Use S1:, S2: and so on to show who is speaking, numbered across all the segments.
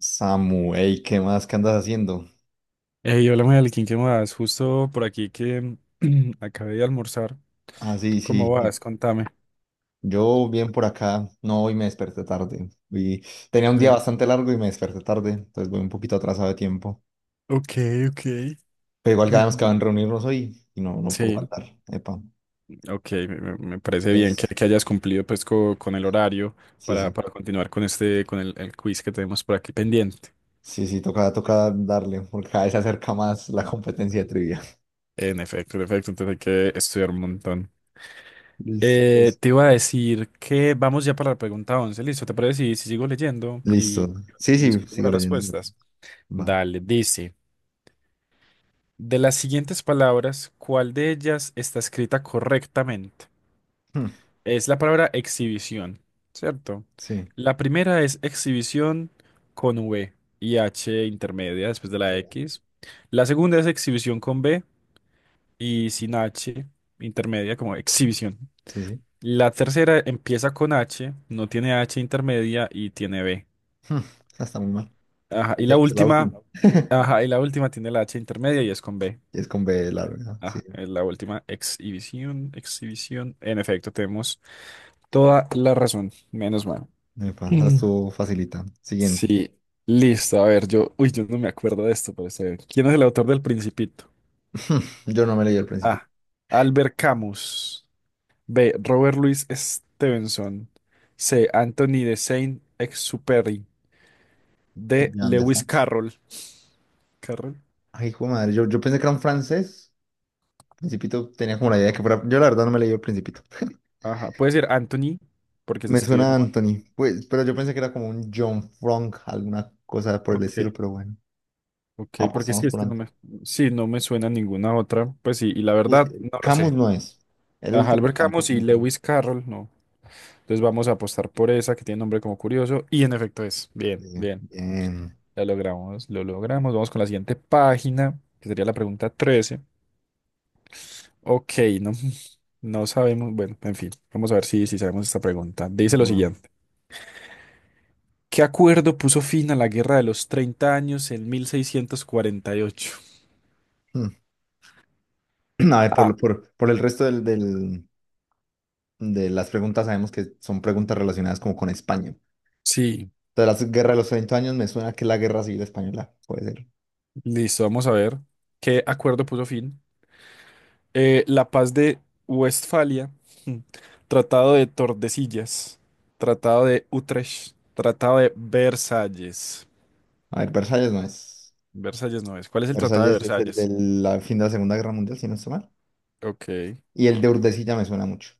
S1: Samu, ey, ¿qué más? ¿Qué andas haciendo?
S2: Hey, hola Melkin, ¿qué más? Justo por aquí que acabé de almorzar.
S1: Ah,
S2: ¿Tú
S1: sí,
S2: cómo
S1: sí.
S2: vas? Contame.
S1: Yo bien por acá. No, hoy me desperté tarde. Y tenía un día
S2: Sí.
S1: bastante largo y me desperté tarde, entonces voy un poquito atrasado de tiempo.
S2: Ok, ok.
S1: Pero igual
S2: Muy
S1: quedamos que
S2: bien.
S1: van a reunirnos hoy y no, no pudo
S2: Sí,
S1: faltar. Epa.
S2: ok, me parece bien
S1: Entonces,
S2: que hayas cumplido pues con el horario
S1: sí, sí.
S2: para continuar con este, con el quiz que tenemos por aquí pendiente.
S1: Sí, sí, toca, toca
S2: Listo.
S1: darle, porque cada vez se acerca más la competencia de trivia.
S2: En efecto, entonces hay que estudiar un montón.
S1: Listo, pues.
S2: Te iba a decir que vamos ya para la pregunta 11, listo, ¿te parece si, si sigo leyendo
S1: Listo. Sí,
S2: y
S1: sí,
S2: discutimos
S1: sigue
S2: las
S1: leyendo.
S2: respuestas?
S1: Va.
S2: Dale, dice. De las siguientes palabras, ¿cuál de ellas está escrita correctamente?
S1: Hmm,
S2: Es la palabra exhibición, ¿cierto?
S1: Sí.
S2: La primera es exhibición con V y H intermedia después de la X. La segunda es exhibición con B y sin H intermedia como exhibición.
S1: Sí, sí.
S2: La tercera empieza con H, no tiene H intermedia y tiene B.
S1: Hmm, Está muy mal.
S2: Ajá, y la
S1: La última.
S2: última, ajá, y la última tiene la H intermedia y es con B.
S1: Y es con B larga, sí.
S2: Ah, es la última exhibición, exhibición. En efecto, tenemos toda la razón, menos mal.
S1: Me pasa,
S2: Mm.
S1: estuvo facilita. Siguiente.
S2: Sí, listo. A ver, yo, uy, yo no me acuerdo de esto, pero está bien. ¿Quién es el autor del Principito?
S1: Yo no me leí el
S2: A.
S1: Principito.
S2: Albert Camus. B. Robert Louis Stevenson. C. Anthony de Saint-Exupéry. D.
S1: Jean
S2: Lewis
S1: Dafoe.
S2: Carroll. Carroll.
S1: Ay, hijo de madre, yo pensé que era un francés. Principito tenía como la idea de que fuera. Yo la verdad no me leí el Principito.
S2: Ajá, puede ser Anthony, porque se
S1: Me
S2: escribe
S1: suena a
S2: como
S1: Anthony,
S2: Anthony.
S1: pues, pero yo pensé que era como un John Frank, alguna cosa por el estilo,
S2: Ok.
S1: pero bueno,
S2: Ok, porque sí
S1: apostamos
S2: es
S1: por
S2: que no me,
S1: Anthony.
S2: sí, no me suena ninguna otra. Pues sí, y la
S1: Pues
S2: verdad,
S1: que
S2: no lo
S1: Camus
S2: sé.
S1: no es. El
S2: Ajá,
S1: último
S2: Albert Camus
S1: tampoco
S2: y
S1: me suena.
S2: Lewis Carroll, no. Entonces vamos a apostar por esa que tiene nombre como curioso. Y en efecto es.
S1: Sí,
S2: Bien, bien.
S1: bien.
S2: La logramos, lo logramos. Vamos con la siguiente página, que sería la pregunta 13. Ok, no, no sabemos. Bueno, en fin, vamos a ver si, si sabemos esta pregunta. Dice lo
S1: Bueno.
S2: siguiente. ¿Qué acuerdo puso fin a la Guerra de los 30 años en 1648?
S1: A ver,
S2: Ah,
S1: por el resto de las preguntas sabemos que son preguntas relacionadas como con España.
S2: sí,
S1: Entonces, la guerra de los 30 años me suena que es la guerra civil española, puede ser.
S2: listo, vamos a ver qué acuerdo puso fin. La paz de Westfalia, Tratado de Tordesillas, Tratado de Utrecht, Tratado de Versalles.
S1: A ver, Versalles no es.
S2: Versalles no es. ¿Cuál es el Tratado de
S1: Versalles es el
S2: Versalles?
S1: del fin de la Segunda Guerra Mundial, si no estoy mal.
S2: Ok.
S1: Y el de Urdesilla me suena mucho.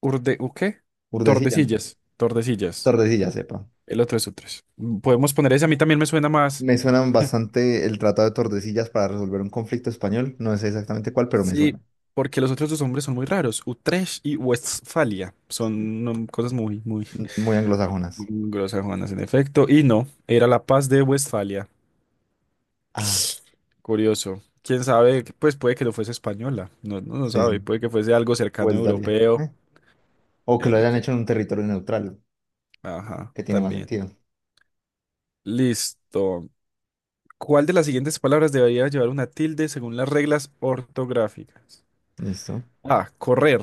S2: Urde, ¿u qué?
S1: Urdesilla, ¿no?
S2: Tordesillas, Tordesillas.
S1: Tordesillas, sepa.
S2: El otro es Utrecht. Podemos poner ese, a mí también me suena más.
S1: Me suenan bastante el Tratado de Tordesillas para resolver un conflicto español. No sé exactamente cuál, pero me suena.
S2: Sí, porque los otros dos nombres son muy raros. Utrecht y Westfalia
S1: Sí.
S2: son cosas muy, muy
S1: Muy anglosajonas.
S2: Grosa Juanas, en efecto. Y no, era la Paz de Westfalia.
S1: Ah,
S2: Curioso. Quién sabe, pues puede que no fuese española. No, no, no
S1: sí,
S2: sabe.
S1: sí.
S2: Puede que fuese algo cercano
S1: Westdalia.
S2: europeo.
S1: O que lo
S2: En
S1: hayan hecho en un
S2: efecto.
S1: territorio neutral,
S2: Ajá,
S1: que tiene más
S2: también.
S1: sentido.
S2: Listo. ¿Cuál de las siguientes palabras debería llevar una tilde según las reglas ortográficas?
S1: Listo.
S2: A. Correr.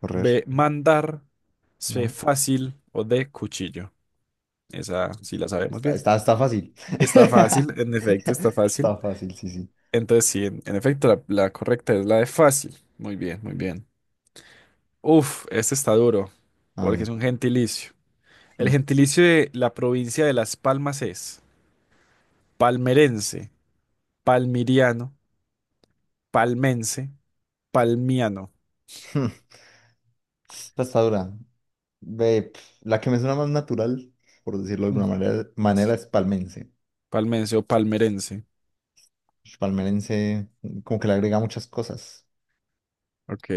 S1: Correr.
S2: B. Mandar. C.
S1: No,
S2: Fácil. O D. Cuchillo.
S1: no,
S2: Esa sí
S1: pues,
S2: la sabemos
S1: está,
S2: bien.
S1: está, está fácil.
S2: Está fácil, en efecto, está fácil.
S1: Está fácil, sí, sí.
S2: Entonces, sí, en efecto, la correcta es la de fácil. Muy bien, muy bien. Uf, este está duro,
S1: A
S2: porque
S1: ver.
S2: es un gentilicio. El
S1: Hmm,
S2: gentilicio de la provincia de Las Palmas es palmerense, palmiriano, palmense, palmiano.
S1: hmm. Esta está dura. Ve, pf, la que me suena más natural, por decirlo de
S2: Mm,
S1: alguna manera,
S2: sí,
S1: manera es palmense.
S2: palmense o palmerense.
S1: Palmerense, como que le agrega muchas cosas.
S2: Ok.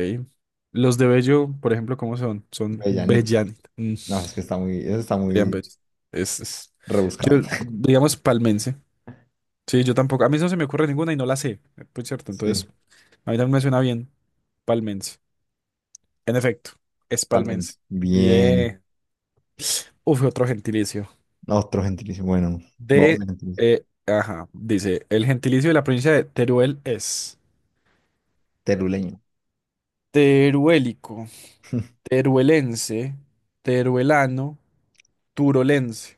S2: Los de Bello, por ejemplo, ¿cómo son? Son
S1: Bellanitos.
S2: bellanos.
S1: No, es que está muy, eso está
S2: Serían
S1: muy
S2: bellos. Es, es-
S1: rebuscado.
S2: Yo, digamos, palmense. Sí, yo tampoco. A mí no se me ocurre ninguna y no la sé. Pues cierto, entonces.
S1: Sí,
S2: A mí también me suena bien. Palmense. En efecto, es palmense.
S1: palmense. Bien.
S2: Bien. Uf, otro gentilicio.
S1: Otro gentilicio. Bueno, vamos
S2: De,
S1: de gentilicio.
S2: ajá, dice, el gentilicio de la provincia de Teruel es
S1: Teruleño.
S2: teruélico, teruelense, teruelano, turolense.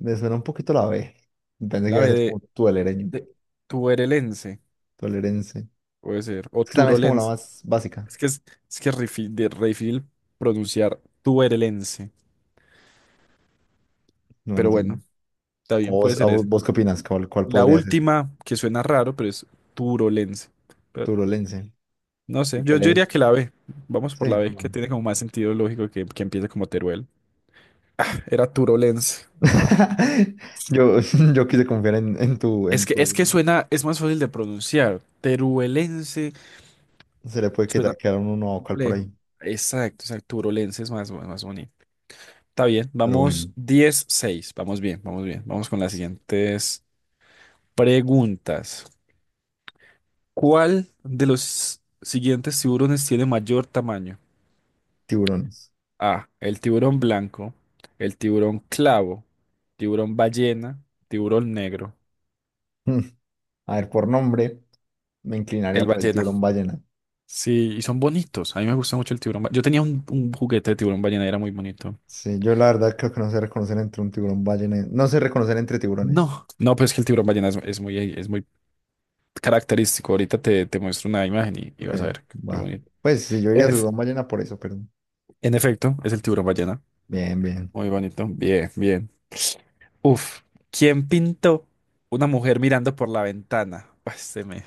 S1: Me suena un poquito la B. Pensé que
S2: La
S1: iba
S2: B
S1: a ser como tuelereño,
S2: de tuerelense,
S1: tuelerense.
S2: puede ser, o
S1: Es que también es como la
S2: turolense.
S1: más básica.
S2: Es que es, es que es re difícil re difícil pronunciar tuerelense,
S1: No, bueno,
S2: pero bueno,
S1: también.
S2: está bien,
S1: ¿O
S2: puede
S1: ¿Vos, a
S2: ser
S1: vos,
S2: eso.
S1: vos qué opinas? ¿Cuál, cuál
S2: La
S1: podría ser?
S2: última, que suena raro, pero es turolense. Pero,
S1: Turolense,
S2: no sé,
S1: si
S2: yo
S1: querés.
S2: diría que la B. Vamos
S1: Sí,
S2: por la B, que
S1: no.
S2: tiene como más sentido lógico que empiece como Teruel. Era turolense. No.
S1: Yo, yo quise confiar en tu, en
S2: Es que
S1: tu.
S2: suena, es más fácil de pronunciar. Teruelense
S1: Se le puede
S2: suena
S1: quedar un uno vocal por
S2: complejo.
S1: ahí.
S2: Exacto, exacto. Turolense es más, más bonito. Está bien,
S1: Pero bueno,
S2: vamos diez seis, vamos bien, vamos bien. Vamos con las siguientes preguntas. ¿Cuál de los siguientes tiburones tiene mayor tamaño?
S1: tiburones.
S2: A. El tiburón blanco. El tiburón clavo. Tiburón ballena. Tiburón negro.
S1: Mm. A ver, por nombre, me
S2: El
S1: inclinaría por el
S2: ballena.
S1: tiburón ballena.
S2: Sí, y son bonitos. A mí me gusta mucho el tiburón. Yo tenía un juguete de tiburón ballena y era muy bonito.
S1: Sí, yo la verdad creo que no sé reconocer entre un tiburón ballena. No sé reconocer entre tiburones.
S2: No, no, pues es que el tiburón ballena es muy característico. Ahorita te, te muestro una imagen y
S1: Ok,
S2: vas a ver. Muy
S1: va.
S2: bonito.
S1: Pues sí, yo
S2: En,
S1: iría
S2: ef-
S1: tiburón ballena por eso, pero.
S2: en efecto, es el tiburón ballena.
S1: Bien, bien.
S2: Muy bonito. Bien, bien. Uf. ¿Quién pintó una mujer mirando por la ventana? Pues se me,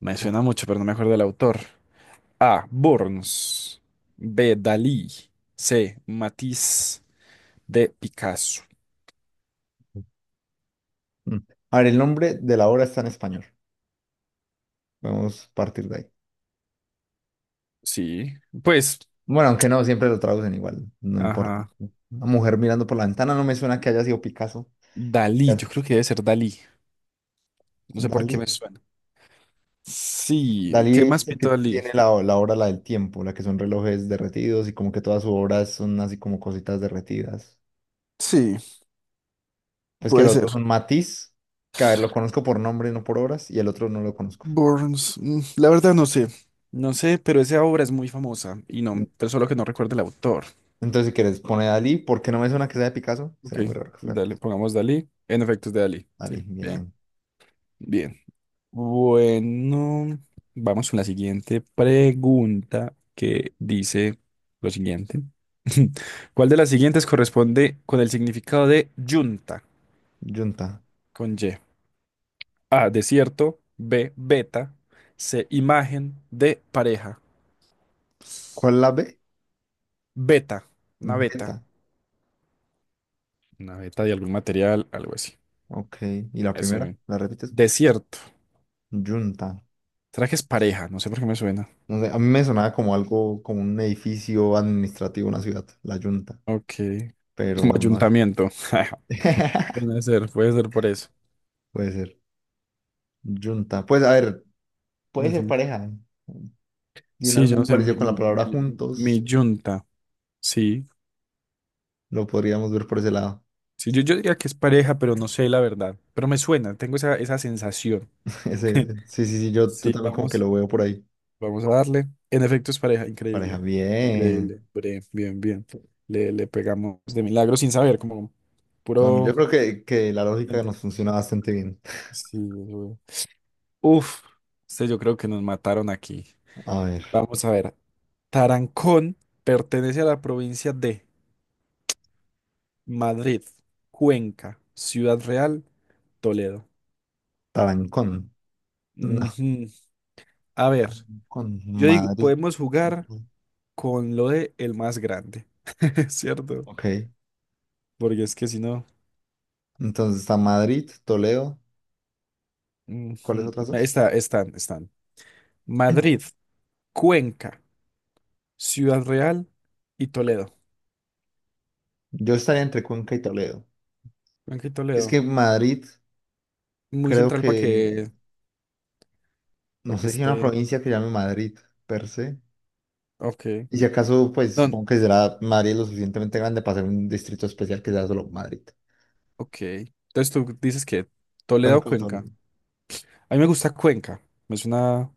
S2: me suena
S1: Uf.
S2: mucho, pero no me acuerdo del autor. A. Burns. B. Dalí. C. Matisse. D. Picasso.
S1: Mm. A ver, el nombre de la obra está en español. Vamos a partir de ahí.
S2: Sí, pues,
S1: Bueno, aunque no, siempre lo traducen igual, no importa.
S2: ajá.
S1: Una mujer mirando por la ventana no me suena que haya sido Picasso.
S2: Dalí, yo creo que debe ser Dalí. No sé por qué
S1: Dalí.
S2: me suena. Sí,
S1: Dalí
S2: ¿qué más
S1: es el que
S2: pintó Dalí?
S1: tiene la obra, la del tiempo, la que son relojes derretidos y como que todas sus obras son así como cositas derretidas.
S2: Sí,
S1: Pues que el
S2: puede
S1: otro
S2: ser.
S1: son Matisse, que a ver, lo conozco por nombre, no por obras, y el otro no lo conozco.
S2: Burns, la verdad no sé. No sé, pero esa obra es muy famosa y no,
S1: Mm,
S2: pero solo que no recuerdo el autor.
S1: Entonces, si quieres, pone Dalí, porque no me suena que sea de Picasso.
S2: Ok,
S1: Será muy raro que fuera de
S2: dale,
S1: Picasso.
S2: pongamos Dalí. En efecto, es de Dalí. Sí,
S1: Dalí,
S2: bien.
S1: bien.
S2: Bien. Bueno, vamos con la siguiente pregunta que dice lo siguiente. ¿Cuál de las siguientes corresponde con el significado de yunta
S1: Junta.
S2: con Y? A, desierto, B, beta, C, imagen, D, pareja.
S1: ¿Cuál es la B?
S2: Beta, una beta.
S1: Beta.
S2: Una beta de algún material, algo así.
S1: Ok. ¿Y la
S2: Eso.
S1: primera? ¿La repites?
S2: Desierto.
S1: Junta.
S2: ¿Trajes pareja? No sé por qué me suena.
S1: No sé, a mí me sonaba como algo, como un edificio administrativo, una ciudad, la Junta.
S2: Ok. Como
S1: Pero no sé.
S2: ayuntamiento. Puede ser por eso.
S1: Puede ser. Junta. Pues a ver, puede ser
S2: Ujú.
S1: pareja. Tiene
S2: Sí, yo no
S1: algún
S2: sé,
S1: parecido con la palabra
S2: mi
S1: juntos.
S2: yunta, sí.
S1: Lo podríamos ver por ese lado.
S2: Sí, yo diría que es pareja, pero no sé la verdad. Pero me suena, tengo esa, esa sensación.
S1: Ese, sí, sí, sí, yo
S2: Sí,
S1: también como que
S2: vamos,
S1: lo veo por ahí.
S2: vamos a darle. En efecto, es pareja,
S1: Pareja,
S2: increíble,
S1: bien.
S2: increíble. Bre, bien, bien. Le pegamos de milagro sin saber, como
S1: No, no,
S2: puro.
S1: yo creo que la lógica nos funciona bastante bien.
S2: Sí, güey. Uf, este yo creo que nos mataron aquí.
S1: A ver,
S2: Vamos a ver. Tarancón pertenece a la provincia de. Madrid, Cuenca, Ciudad Real, Toledo.
S1: Tarancón.
S2: Ujú. A ver,
S1: Con
S2: yo digo,
S1: Madrid.
S2: podemos jugar
S1: Ujú,
S2: con lo de el más grande, ¿cierto?
S1: ok.
S2: Porque es que si no,
S1: Entonces está Madrid, Toledo. ¿Cuáles
S2: ujú,
S1: otras
S2: no,
S1: dos?
S2: están, están. Madrid, Cuenca, Ciudad Real y Toledo.
S1: Yo estaría entre Cuenca y Toledo.
S2: Cuenca y
S1: Es
S2: Toledo.
S1: que Madrid,
S2: Muy
S1: creo
S2: central
S1: que, no
S2: para que
S1: sé si hay una
S2: esté.
S1: provincia que llame Madrid, per se.
S2: Ok.
S1: Y si acaso, pues
S2: Don,
S1: supongo que será Madrid lo suficientemente grande para ser un distrito especial que sea solo Madrid.
S2: ok. Entonces tú dices que Toledo o
S1: Cuenca o
S2: Cuenca.
S1: Toledo.
S2: A mí me gusta Cuenca. Es una,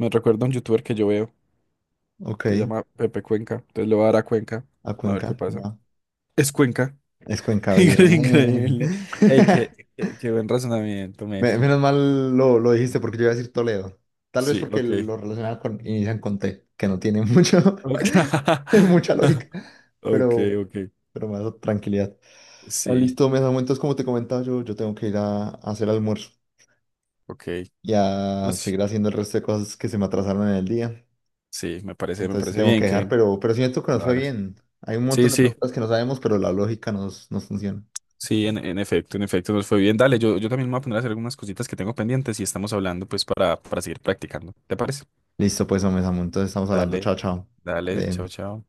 S2: me recuerda a un youtuber que yo veo. Se
S1: Ok.
S2: llama Pepe Cuenca. Entonces le voy a dar a Cuenca.
S1: A
S2: A ver
S1: Cuenca,
S2: qué pasa.
S1: va.
S2: Es Cuenca.
S1: Es Cuenca,
S2: Incre-
S1: bien.
S2: Increíble. Ey, qué, qué, qué buen razonamiento, Melkin.
S1: Menos mal lo dijiste porque yo iba a decir Toledo. Tal vez
S2: Sí,
S1: porque
S2: ok.
S1: lo relacionaba con, inician con T, que no tiene mucho,
S2: Ok,
S1: mucha lógica,
S2: ok.
S1: pero,
S2: Ok.
S1: pero me da tranquilidad. Ah,
S2: Sí,
S1: listo, me Samu, entonces como te comentaba yo, yo tengo que ir a hacer almuerzo
S2: ok.
S1: y
S2: No,
S1: a
S2: sí,
S1: seguir haciendo el resto de cosas que se me atrasaron en el día.
S2: sí, me
S1: Entonces te
S2: parece
S1: tengo
S2: bien
S1: que dejar,
S2: que
S1: pero siento que nos
S2: lo
S1: fue
S2: hagas.
S1: bien. Hay un
S2: Sí,
S1: montón de
S2: sí,
S1: preguntas que no sabemos, pero la lógica nos, nos funciona.
S2: sí, en efecto, nos fue bien. Dale, yo también me voy a poner a hacer algunas cositas que tengo pendientes y estamos hablando pues para seguir practicando. ¿Te parece?
S1: Listo, pues, Omesamu, entonces estamos hablando.
S2: Dale,
S1: Chao, chao.
S2: dale,
S1: Vale.
S2: chao, chao.